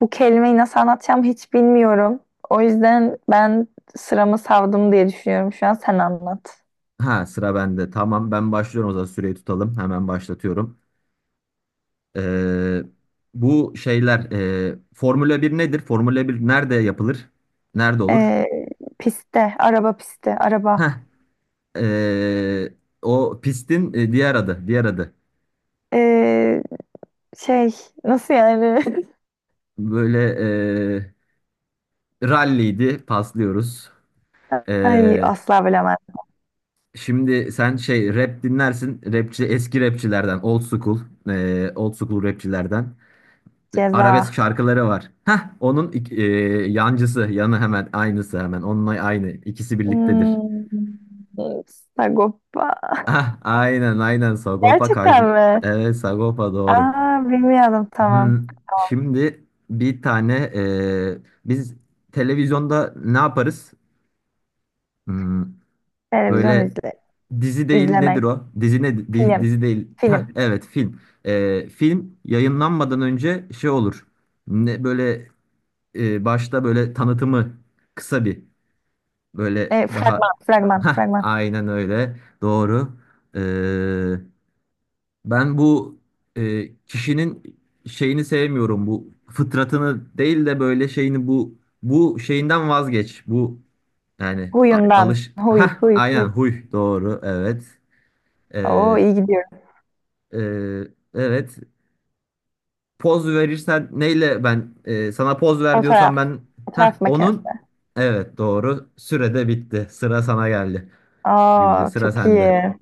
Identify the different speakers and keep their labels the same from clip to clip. Speaker 1: Bu kelimeyi nasıl anlatacağımı hiç bilmiyorum. O yüzden ben sıramı savdım diye düşünüyorum şu an. Sen anlat.
Speaker 2: Ha sıra bende. Tamam ben başlıyorum o zaman süreyi tutalım. Hemen başlatıyorum. Ee, bu şeyler Formula 1 nedir? Formula bir nerede yapılır? Nerede olur?
Speaker 1: Ee, piste, araba pisti,
Speaker 2: Heh,
Speaker 1: araba.
Speaker 2: ee, o pistin diğer adı. Diğer adı.
Speaker 1: Ee, şey, nasıl yani?
Speaker 2: Böyle ralliydi. Paslıyoruz.
Speaker 1: Ay
Speaker 2: Ee,
Speaker 1: asla bilemem.
Speaker 2: şimdi sen şey rap dinlersin. Rapçi eski rapçilerden. Old school. Old school rapçilerden. Arabesk
Speaker 1: Ceza.
Speaker 2: şarkıları var. Heh, onun yancısı, yanı hemen aynısı hemen. Onunla aynı. İkisi birliktedir.
Speaker 1: Hmm, Sagopa.
Speaker 2: Ah, aynen aynen Sagopa
Speaker 1: Gerçekten
Speaker 2: Kajm.
Speaker 1: mi?
Speaker 2: Evet, Sagopa doğru.
Speaker 1: Aa, bilmiyordum tamam.
Speaker 2: Hmm, şimdi bir tane biz televizyonda ne yaparız? Hmm,
Speaker 1: Televizyon
Speaker 2: böyle
Speaker 1: izle,
Speaker 2: dizi değil, nedir
Speaker 1: izlemek.
Speaker 2: o? Dizi ne di-
Speaker 1: Film.
Speaker 2: dizi değil. Heh,
Speaker 1: Film.
Speaker 2: evet, film. Film yayınlanmadan önce şey olur. Ne böyle başta böyle tanıtımı, kısa bir. Böyle
Speaker 1: Fragman,
Speaker 2: daha.
Speaker 1: fragman,
Speaker 2: Ha,
Speaker 1: fragman.
Speaker 2: aynen öyle. Doğru. Ee, ben bu kişinin şeyini sevmiyorum. Bu fıtratını değil de böyle şeyini bu şeyinden vazgeç. Bu yani
Speaker 1: Huyundan.
Speaker 2: alış.
Speaker 1: Huy,
Speaker 2: Ha,
Speaker 1: huy,
Speaker 2: aynen,
Speaker 1: huy.
Speaker 2: huy, doğru, evet.
Speaker 1: Oo,
Speaker 2: Ee,
Speaker 1: iyi gidiyorum.
Speaker 2: e, evet. Poz verirsen neyle, ben sana poz ver diyorsam
Speaker 1: Fotoğraf.
Speaker 2: ben. Ha
Speaker 1: Fotoğraf
Speaker 2: onun,
Speaker 1: makinesi.
Speaker 2: evet doğru. Sürede bitti. Sıra sana geldi. Gülce,
Speaker 1: Aa,
Speaker 2: sıra
Speaker 1: çok
Speaker 2: sende.
Speaker 1: iyi.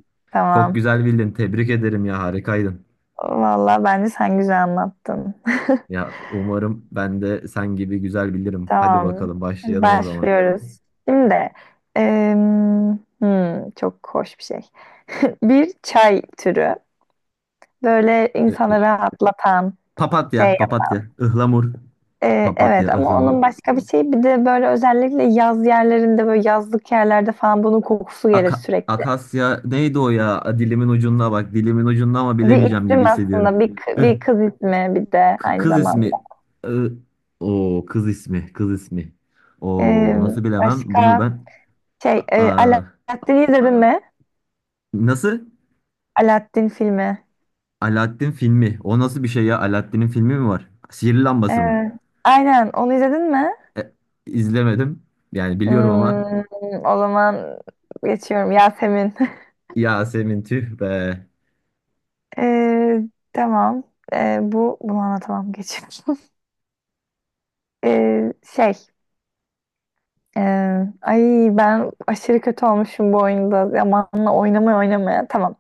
Speaker 2: Çok
Speaker 1: Tamam.
Speaker 2: güzel bildin. Tebrik ederim ya, harikaydın.
Speaker 1: Tamam. Vallahi bence sen güzel anlattın.
Speaker 2: Ya, umarım ben de sen gibi güzel bilirim. Hadi
Speaker 1: Tamam.
Speaker 2: bakalım,
Speaker 1: Hadi
Speaker 2: başlayalım o zaman.
Speaker 1: başlıyoruz. Şimdi çok hoş bir şey. Bir çay türü. Böyle
Speaker 2: Ö- ö-
Speaker 1: insanı rahatlatan
Speaker 2: Papatya,
Speaker 1: şey.
Speaker 2: papatya, ıhlamur,
Speaker 1: Evet
Speaker 2: papatya,
Speaker 1: ama
Speaker 2: ıhlamur.
Speaker 1: onun başka bir şey. Bir de böyle özellikle yaz yerlerinde böyle yazlık yerlerde falan bunun kokusu gelir
Speaker 2: Aka-
Speaker 1: sürekli.
Speaker 2: akasya neydi o ya? Dilimin ucunda bak, dilimin ucunda, ama
Speaker 1: Bir
Speaker 2: bilemeyeceğim
Speaker 1: isim
Speaker 2: gibi hissediyorum.
Speaker 1: aslında,
Speaker 2: Ih,
Speaker 1: bir kız ismi bir de aynı
Speaker 2: Kız ismi.
Speaker 1: zamanda.
Speaker 2: Ih, O kız ismi, kız ismi. O
Speaker 1: Ee,
Speaker 2: nasıl, bilemem bunu
Speaker 1: başka
Speaker 2: ben.
Speaker 1: şey,
Speaker 2: A- a-
Speaker 1: Aladdin'i izledin mi?
Speaker 2: Nasıl?
Speaker 1: Aladdin filmi.
Speaker 2: Alaaddin filmi. O nasıl bir şey ya? Alaaddin'in filmi mi var? Sihirli lambası mı?
Speaker 1: Ee, aynen, onu izledin mi?
Speaker 2: E, izlemedim. Yani biliyorum ama.
Speaker 1: Hmm, o zaman geçiyorum. Yasemin.
Speaker 2: Yasemin, tüh be.
Speaker 1: Ee, tamam. Bu bunu anlatamam geçiyorum. Ee, şey, e, ay ben aşırı kötü olmuşum bu oyunda. Zamanla oynamaya oynamaya. Tamam.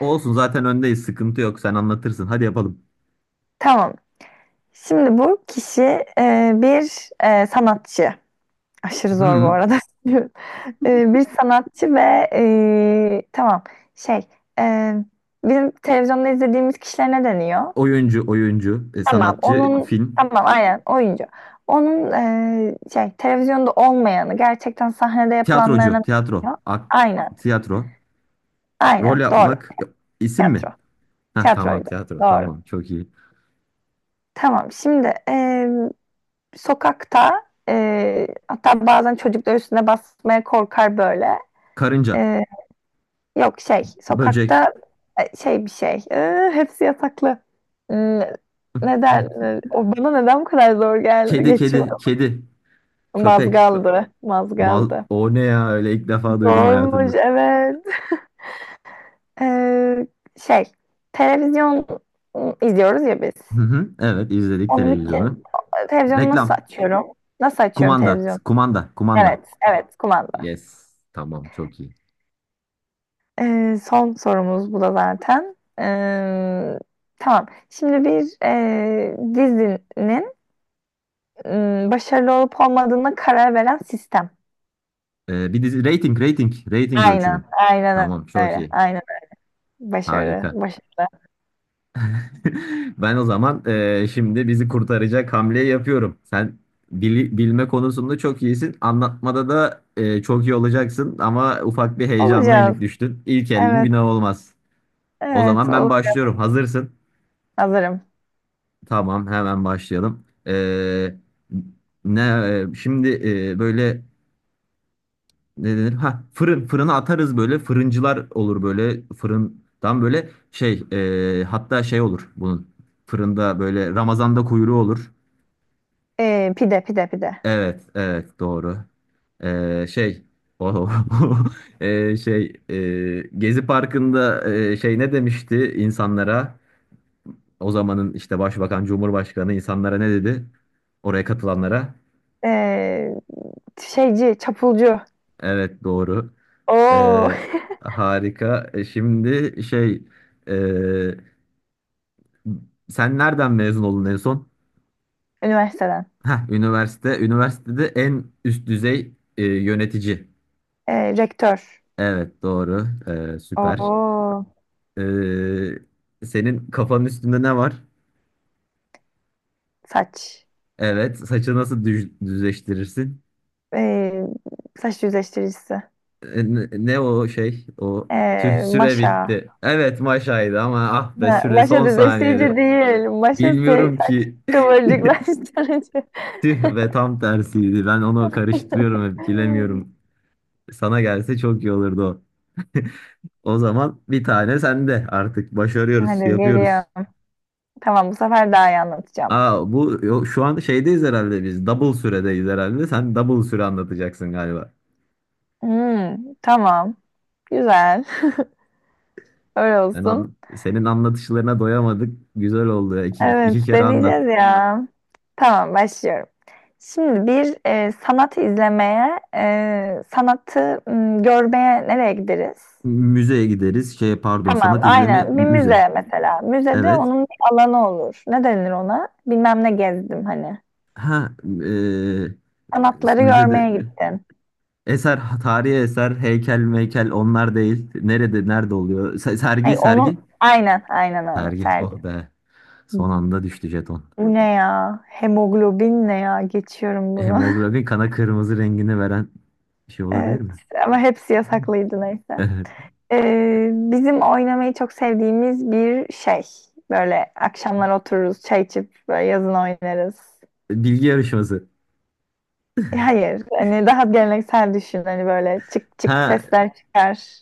Speaker 2: Olsun, zaten öndeyiz. Sıkıntı yok. Sen anlatırsın. Hadi yapalım.
Speaker 1: Tamam. Şimdi bu kişi bir sanatçı. Aşırı zor bu
Speaker 2: Hmm.
Speaker 1: arada. Bir sanatçı ve tamam şey e, bizim televizyonda izlediğimiz kişiler ne deniyor?
Speaker 2: Oyuncu, oyuncu,
Speaker 1: Tamam
Speaker 2: sanatçı,
Speaker 1: onun
Speaker 2: film,
Speaker 1: tamam aynen oyuncu. Onun şey televizyonda olmayanı gerçekten sahnede
Speaker 2: tiyatrocu,
Speaker 1: yapılanlarına ne
Speaker 2: tiyatro,
Speaker 1: deniyor? Aynen,
Speaker 2: tiyatro. Rol
Speaker 1: aynen doğru.
Speaker 2: yapmak, isim
Speaker 1: Tiyatro.
Speaker 2: mi? Heh, tamam,
Speaker 1: Tiyatroydu.
Speaker 2: tiyatro.
Speaker 1: Doğru.
Speaker 2: Tamam, çok iyi.
Speaker 1: Tamam şimdi sokakta hatta bazen çocuklar üstüne basmaya korkar böyle.
Speaker 2: Karınca,
Speaker 1: E, yok şey
Speaker 2: böcek,
Speaker 1: sokakta şey bir şey. Hepsi yasaklı. N- Neden? O bana neden bu kadar zor geldi?
Speaker 2: kedi, kedi,
Speaker 1: Geçiyor.
Speaker 2: kedi, köpek.
Speaker 1: Mazgaldı.
Speaker 2: Mal,
Speaker 1: Mazgaldı.
Speaker 2: o ne ya öyle, ilk defa duydum
Speaker 1: Zormuş,
Speaker 2: hayatımda.
Speaker 1: evet. E, şey televizyon izliyoruz ya biz.
Speaker 2: Hı hı, evet, izledik
Speaker 1: Onun
Speaker 2: televizyonu.
Speaker 1: için televizyonu nasıl
Speaker 2: Reklam.
Speaker 1: açıyorum? Nasıl açıyorum
Speaker 2: Kumanda,
Speaker 1: televizyonu?
Speaker 2: kumanda, kumanda.
Speaker 1: Evet, evet, kumanda.
Speaker 2: Yes. Tamam, çok iyi.
Speaker 1: Son sorumuz bu da zaten. Tamam. Şimdi bir dizinin başarılı olup olmadığına karar veren sistem.
Speaker 2: Bir dizi rating, rating, rating
Speaker 1: Aynen,
Speaker 2: ölçümü.
Speaker 1: aynen
Speaker 2: Tamam, çok
Speaker 1: öyle.
Speaker 2: iyi.
Speaker 1: Aynen. Başarı,
Speaker 2: Harika.
Speaker 1: başarılı
Speaker 2: Ben o zaman şimdi bizi kurtaracak hamleyi yapıyorum. Sen bilme konusunda çok iyisin. Anlatmada da çok iyi olacaksın, ama ufak bir heyecanla
Speaker 1: olacağız.
Speaker 2: yenik düştün. İlk elin
Speaker 1: Evet,
Speaker 2: günah olmaz. O
Speaker 1: evet.
Speaker 2: zaman ben
Speaker 1: Olur.
Speaker 2: başlıyorum. Hazırsın.
Speaker 1: Hazırım.
Speaker 2: Tamam, hemen başlayalım. Ne şimdi böyle ne denir? Ha, fırın, fırına atarız, böyle fırıncılar olur, böyle fırından, böyle şey, hatta şey olur bunun, fırında böyle Ramazan'da kuyruğu olur.
Speaker 1: Pide, pide, pide.
Speaker 2: Evet evet, doğru. Şey o şey Gezi Parkı'nda şey ne demişti insanlara? O zamanın işte başbakan, Cumhurbaşkanı insanlara ne dedi? Oraya katılanlara.
Speaker 1: Ee, şeyci, çapulcu.
Speaker 2: Evet, doğru.
Speaker 1: Oo.
Speaker 2: E, harika. Şimdi şey e, sen nereden mezun oldun en son?
Speaker 1: Üniversiteden.
Speaker 2: Heh, üniversite. Üniversitede en üst düzey yönetici.
Speaker 1: Rektör.
Speaker 2: Evet, doğru. Süper.
Speaker 1: Oo.
Speaker 2: E, senin kafanın üstünde ne var?
Speaker 1: Saç.
Speaker 2: Evet. Saçı nasıl düzleştirirsin?
Speaker 1: Ee, saç düzleştiricisi.
Speaker 2: Ne o şey? O, tüh, süre
Speaker 1: Maşa.
Speaker 2: bitti. Evet, maşaydı ama, ah be,
Speaker 1: Ha,
Speaker 2: süre
Speaker 1: maşa
Speaker 2: son
Speaker 1: düzleştirici
Speaker 2: saniyede.
Speaker 1: değil. Maşa
Speaker 2: Bilmiyorum
Speaker 1: saç
Speaker 2: ki.
Speaker 1: kıvırcıklaştırıcı.
Speaker 2: Tüh, ve tam tersiydi. Ben onu karıştırıyorum hep, bilemiyorum. Sana gelse çok iyi olurdu o. O zaman bir tane sende, artık başarıyoruz,
Speaker 1: Hadi geliyor.
Speaker 2: yapıyoruz.
Speaker 1: Tamam, bu sefer daha iyi anlatacağım.
Speaker 2: Aa, şu an şeydeyiz herhalde biz. Double süredeyiz herhalde. Sen double süre anlatacaksın galiba.
Speaker 1: Tamam. Güzel. Öyle olsun.
Speaker 2: Senin anlatışlarına doyamadık. Güzel oldu ya. İki, iki
Speaker 1: Evet
Speaker 2: kere anlat.
Speaker 1: deneyeceğiz ya. Tamam başlıyorum. Şimdi bir sanatı izlemeye, sanatı görmeye nereye gideriz?
Speaker 2: Müzeye gideriz. Şey, pardon,
Speaker 1: Tamam,
Speaker 2: sanat izleme
Speaker 1: aynen. Bir
Speaker 2: müze.
Speaker 1: müze mesela. Müzede
Speaker 2: Evet.
Speaker 1: onun bir alanı olur. Ne denir ona? Bilmem ne gezdim hani.
Speaker 2: Ha, eee,
Speaker 1: Sanatları
Speaker 2: müzede
Speaker 1: görmeye sergi gittin.
Speaker 2: eser, tarihi eser, heykel, meykel, onlar değil. Nerede oluyor?
Speaker 1: Ay,
Speaker 2: Sergi,
Speaker 1: onun
Speaker 2: sergi.
Speaker 1: aynen, aynen öyle.
Speaker 2: Sergi.
Speaker 1: Sergi.
Speaker 2: Oh be. Son anda düştü jeton.
Speaker 1: Bu ne ya? Hemoglobin ne ya? Geçiyorum bunu.
Speaker 2: Hemoglobin kana kırmızı rengini veren bir şey olabilir
Speaker 1: Evet.
Speaker 2: mi?
Speaker 1: Ama hepsi yasaklıydı neyse.
Speaker 2: Evet.
Speaker 1: Bizim oynamayı çok sevdiğimiz bir şey. Böyle akşamlar otururuz, çay içip böyle yazın oynarız.
Speaker 2: Bilgi yarışması.
Speaker 1: Hayır, hani daha geleneksel düşün. Hani böyle çık çık
Speaker 2: Ha,
Speaker 1: sesler çıkar.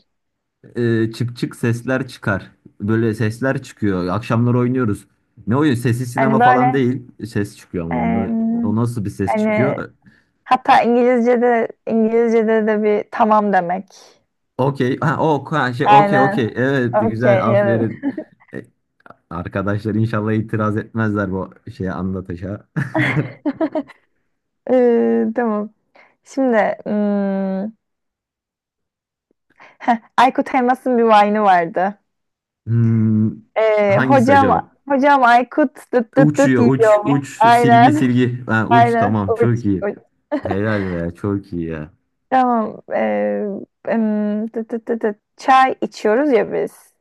Speaker 2: çık çık sesler çıkar. Böyle sesler çıkıyor. Akşamlar oynuyoruz. Ne oyun? Sesli sinema
Speaker 1: Hani
Speaker 2: falan
Speaker 1: böyle
Speaker 2: değil. Ses çıkıyor, ama onu,
Speaker 1: em,
Speaker 2: o nasıl bir ses
Speaker 1: hani
Speaker 2: çıkıyor?
Speaker 1: hatta İngilizce'de İngilizce'de de bir tamam demek.
Speaker 2: Okey. Ha, o, ha, şey, okey,
Speaker 1: Aynen.
Speaker 2: okey. Evet,
Speaker 1: Okey,
Speaker 2: güzel,
Speaker 1: evet.
Speaker 2: aferin. E, Arkadaşlar inşallah itiraz etmezler bu şeye, anlatışa.
Speaker 1: Tamam. Şimdi hmm, Aykut Elmas'ın bir vine'ı vardı.
Speaker 2: Hmm, hangisi
Speaker 1: Hocam
Speaker 2: acaba?
Speaker 1: hocam Aykut dıt dıt dıt
Speaker 2: Uçuyor, uç
Speaker 1: yiyor mu?
Speaker 2: uç, silgi
Speaker 1: Aynen.
Speaker 2: silgi. Ha, uç,
Speaker 1: Aynen.
Speaker 2: tamam,
Speaker 1: Uç,
Speaker 2: çok iyi.
Speaker 1: uç.
Speaker 2: Helal be, çok iyi ya.
Speaker 1: Tamam. Dıt dıt dıt dıt. Çay içiyoruz ya biz.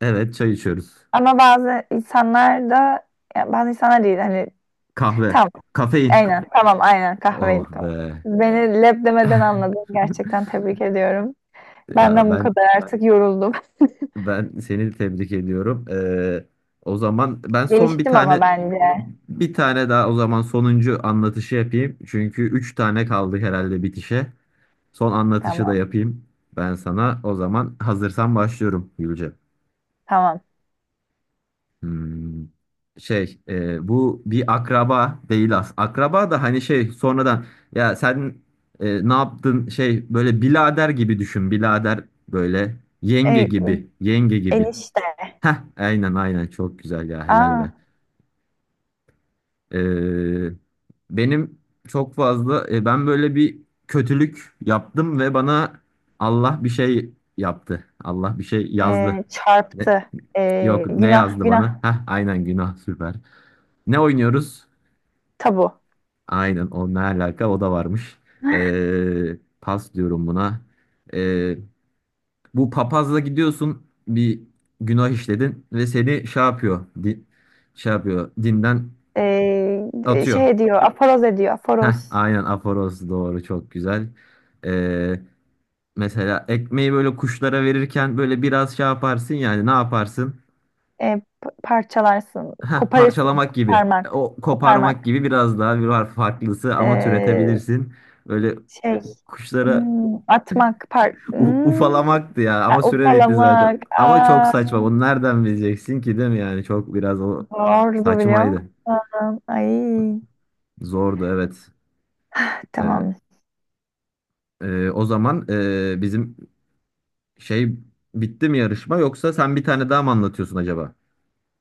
Speaker 2: Evet, çay içiyoruz.
Speaker 1: Ama bazı insanlar da ya bazı insanlar değil hani
Speaker 2: Kahve.
Speaker 1: tamam
Speaker 2: Kafein.
Speaker 1: aynen tamam aynen
Speaker 2: Oh
Speaker 1: kahveydi tamam.
Speaker 2: be.
Speaker 1: Beni leb demeden anladın. Gerçekten tebrik ediyorum.
Speaker 2: Ya
Speaker 1: Benden bu
Speaker 2: ben
Speaker 1: kadar, artık yoruldum.
Speaker 2: ben seni tebrik ediyorum. O zaman ben son bir
Speaker 1: Geliştim
Speaker 2: tane
Speaker 1: ama bence.
Speaker 2: bir tane daha o zaman, sonuncu anlatışı yapayım. Çünkü üç tane kaldı herhalde bitişe. Son anlatışı da
Speaker 1: Tamam,
Speaker 2: yapayım ben sana. O zaman hazırsan başlıyorum, Gülce.
Speaker 1: tamam.
Speaker 2: Hmm, şey bu bir akraba değil, as. Akraba da hani şey, sonradan. Ya sen ne yaptın şey, böyle birader gibi düşün. Birader, böyle yenge
Speaker 1: E,
Speaker 2: gibi, yenge gibi.
Speaker 1: enişte.
Speaker 2: Heh, aynen aynen, çok güzel ya, helal
Speaker 1: Aa,
Speaker 2: be. Ee, benim çok fazla ben böyle bir kötülük yaptım ve bana Allah bir şey yaptı. Allah bir şey yazdı. Ne-
Speaker 1: çarptı.
Speaker 2: Yok, ne
Speaker 1: Günah,
Speaker 2: yazdı
Speaker 1: günah,
Speaker 2: bana? Heh, aynen, günah, süper. Ne oynuyoruz?
Speaker 1: tabu.
Speaker 2: Aynen, o ne alaka, o da varmış. Pas diyorum buna. Ee, bu papazla gidiyorsun, bir günah işledin ve seni şey yapıyor. Şey yapıyor, dinden
Speaker 1: E,
Speaker 2: atıyor.
Speaker 1: şey diyor, aforoz ediyor,
Speaker 2: Heh,
Speaker 1: aforoz.
Speaker 2: aynen, aforoz, doğru, çok güzel. Ee, mesela ekmeği böyle kuşlara verirken böyle biraz şey yaparsın, yani ne yaparsın?
Speaker 1: Parçalarsın,
Speaker 2: Heh,
Speaker 1: koparırsın,
Speaker 2: parçalamak gibi.
Speaker 1: koparmak,
Speaker 2: O
Speaker 1: koparmak.
Speaker 2: koparmak gibi, biraz daha bir var farklısı, ama
Speaker 1: E,
Speaker 2: türetebilirsin. Böyle
Speaker 1: Biraz
Speaker 2: kuşlara
Speaker 1: atmak,
Speaker 2: u- ufalamaktı ya,
Speaker 1: ha,
Speaker 2: ama süre bitti zaten.
Speaker 1: ufalamak.
Speaker 2: Ama çok
Speaker 1: Aa,
Speaker 2: saçma. Bunu nereden bileceksin ki, değil mi yani? Çok biraz, o
Speaker 1: doğru biliyor
Speaker 2: saçmaydı.
Speaker 1: musun? Ay,
Speaker 2: Zordu, evet. Ee,
Speaker 1: tamam.
Speaker 2: o zaman bizim şey, bitti mi yarışma, yoksa sen bir tane daha mı anlatıyorsun acaba?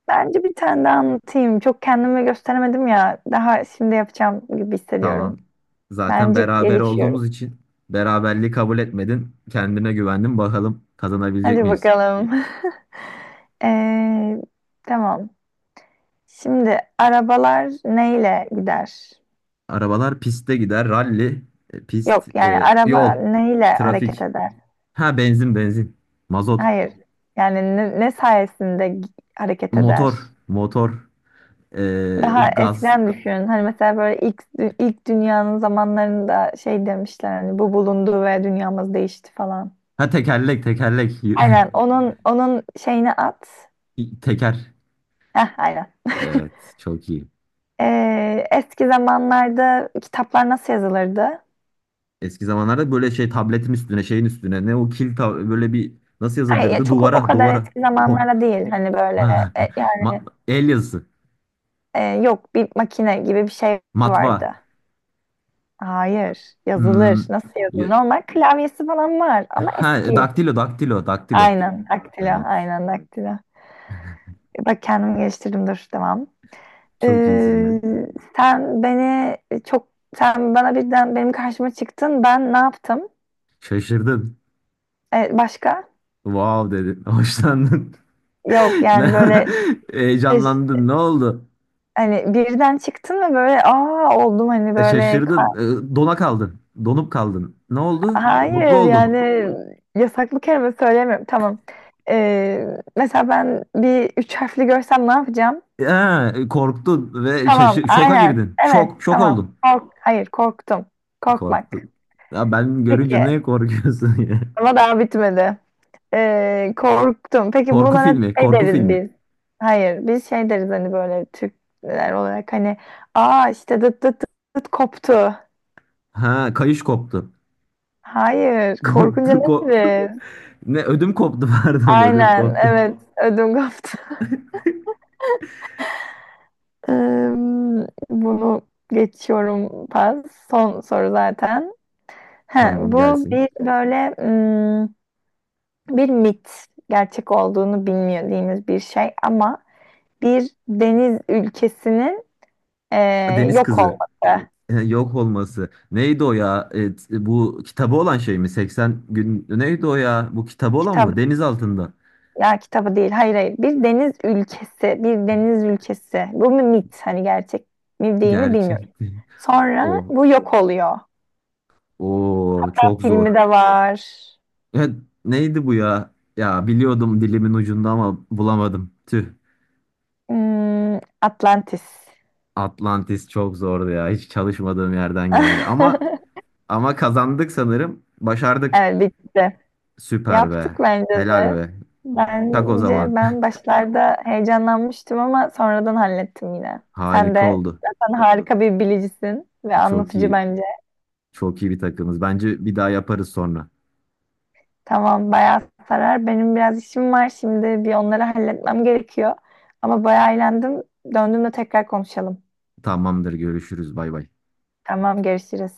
Speaker 1: Bence bir tane daha anlatayım. Çok kendimi gösteremedim ya. Daha şimdi yapacağım gibi hissediyorum.
Speaker 2: Tamam. Zaten
Speaker 1: Bence
Speaker 2: beraber olduğumuz
Speaker 1: gelişiyorum.
Speaker 2: için beraberliği kabul etmedin. Kendine güvendin. Bakalım, kazanabilecek
Speaker 1: Hadi
Speaker 2: miyiz?
Speaker 1: bakalım. Ee, tamam. Şimdi arabalar neyle gider?
Speaker 2: Arabalar piste gider. Ralli, pist,
Speaker 1: Yok yani araba
Speaker 2: yol,
Speaker 1: neyle hareket
Speaker 2: trafik.
Speaker 1: eder?
Speaker 2: Ha, benzin, benzin. Mazot,
Speaker 1: Hayır. Yani ne sayesinde hareket eder?
Speaker 2: motor, motor,
Speaker 1: Daha
Speaker 2: gaz.
Speaker 1: eskiden düşün. Hani mesela böyle ilk dünyanın zamanlarında şey demişler hani bu bulundu ve dünyamız değişti falan.
Speaker 2: Ha, tekerlek, tekerlek.
Speaker 1: Aynen onun şeyini at.
Speaker 2: Teker.
Speaker 1: Heh, aynen.
Speaker 2: Evet, çok iyi.
Speaker 1: Eski zamanlarda kitaplar nasıl yazılırdı?
Speaker 2: Eski zamanlarda böyle şey, tabletin üstüne, şeyin üstüne, ne, o kil, böyle bir, nasıl
Speaker 1: Hayır, ya
Speaker 2: yazılırdı,
Speaker 1: çok o
Speaker 2: duvara,
Speaker 1: kadar
Speaker 2: duvara.
Speaker 1: eski
Speaker 2: Ho.
Speaker 1: zamanlarda değil. Hani böyle
Speaker 2: Ha.
Speaker 1: yani
Speaker 2: El yazısı.
Speaker 1: e, yok bir makine gibi bir şey
Speaker 2: Matbaa.
Speaker 1: vardı. Hayır,
Speaker 2: Hmm.
Speaker 1: yazılır. Nasıl yazılır?
Speaker 2: Ya-
Speaker 1: Normal klavyesi falan var ama
Speaker 2: Ha,
Speaker 1: eski.
Speaker 2: daktilo, daktilo, daktilo.
Speaker 1: Aynen, daktilo,
Speaker 2: Evet.
Speaker 1: aynen daktilo. Bak kendimi geliştirdim, dur, devam.
Speaker 2: Çok iyisin ya.
Speaker 1: Ee, sen beni çok, sen bana birden benim karşıma çıktın, ben ne yaptım?
Speaker 2: Şaşırdın.
Speaker 1: Başka?
Speaker 2: Wow dedin. Hoşlandın.
Speaker 1: Yok yani
Speaker 2: Ne-
Speaker 1: böyle
Speaker 2: Heyecanlandın. Ne oldu?
Speaker 1: hani birden çıktın ve böyle aa oldum hani
Speaker 2: E,
Speaker 1: böyle
Speaker 2: şaşırdın. Dona kaldın. Donup kaldın. Ne oldu? Mutlu
Speaker 1: hayır
Speaker 2: oldun.
Speaker 1: yani yasaklı kelime söylemiyorum tamam. Ee, mesela ben bir üç harfli görsem ne yapacağım?
Speaker 2: Korktun ve
Speaker 1: Tamam,
Speaker 2: şoka
Speaker 1: aynen.
Speaker 2: girdin.
Speaker 1: Evet,
Speaker 2: Şok, şok
Speaker 1: tamam.
Speaker 2: oldun.
Speaker 1: Kork, hayır, korktum.
Speaker 2: Korktu.
Speaker 1: Korkmak.
Speaker 2: Ya ben
Speaker 1: Peki,
Speaker 2: görünce, neye korkuyorsun ya?
Speaker 1: ama daha bitmedi. Korktum. Peki
Speaker 2: Korku
Speaker 1: buna ne
Speaker 2: filmi,
Speaker 1: şey
Speaker 2: korku
Speaker 1: deriz
Speaker 2: filmi.
Speaker 1: biz? Hayır, biz şey deriz hani böyle Türkler olarak hani aa işte dıt dıt dıt, dıt koptu.
Speaker 2: Ha, kayış koptu.
Speaker 1: Hayır, korkunca
Speaker 2: Koptu,
Speaker 1: ne
Speaker 2: ko-
Speaker 1: deriz?
Speaker 2: Ne ödüm koptu, pardon, ödüm
Speaker 1: Aynen,
Speaker 2: koptu.
Speaker 1: evet. Ödüm koptu. Ee, bunu geçiyorum, pas. Son soru zaten. He,
Speaker 2: Tamam,
Speaker 1: bu
Speaker 2: gelsin.
Speaker 1: bir böyle bir mit, gerçek olduğunu bilmediğimiz bir şey ama bir deniz ülkesinin
Speaker 2: Deniz
Speaker 1: yok
Speaker 2: kızı.
Speaker 1: olması.
Speaker 2: Yok olması. Neydi o ya? Bu kitabı olan şey mi? 80 gün. Neydi o ya? Bu kitabı olan
Speaker 1: Kitap
Speaker 2: mı? Deniz altında.
Speaker 1: ya kitabı değil, hayır, hayır. Bir deniz ülkesi, bir deniz ülkesi. Bu bir mit, hani gerçek mi değil mi bilmiyorum.
Speaker 2: Gerçek değil.
Speaker 1: Sonra
Speaker 2: O.
Speaker 1: bu yok oluyor.
Speaker 2: O
Speaker 1: Hatta
Speaker 2: çok
Speaker 1: filmi
Speaker 2: zor.
Speaker 1: de var.
Speaker 2: Ya, neydi bu ya? Ya, biliyordum, dilimin ucunda ama bulamadım. Tüh.
Speaker 1: Hmm, Atlantis.
Speaker 2: Atlantis çok zordu ya. Hiç çalışmadığım yerden geldi. Ama ama kazandık sanırım. Başardık.
Speaker 1: Evet, bitti.
Speaker 2: Süper
Speaker 1: Yaptık
Speaker 2: be.
Speaker 1: bence
Speaker 2: Helal
Speaker 1: de.
Speaker 2: be. Tak o
Speaker 1: Bence
Speaker 2: zaman.
Speaker 1: ben başlarda heyecanlanmıştım ama sonradan hallettim yine. Sen
Speaker 2: Harika
Speaker 1: de
Speaker 2: oldu.
Speaker 1: zaten harika bir bilicisin ve
Speaker 2: Çok
Speaker 1: anlatıcı
Speaker 2: iyi.
Speaker 1: bence.
Speaker 2: Çok iyi bir takımız. Bence bir daha yaparız sonra.
Speaker 1: Tamam, bayağı sarar. Benim biraz işim var şimdi, bir onları halletmem gerekiyor. Ama bayağı eğlendim. Döndüğümde tekrar konuşalım.
Speaker 2: Tamamdır. Görüşürüz. Bay bay.
Speaker 1: Tamam, görüşürüz.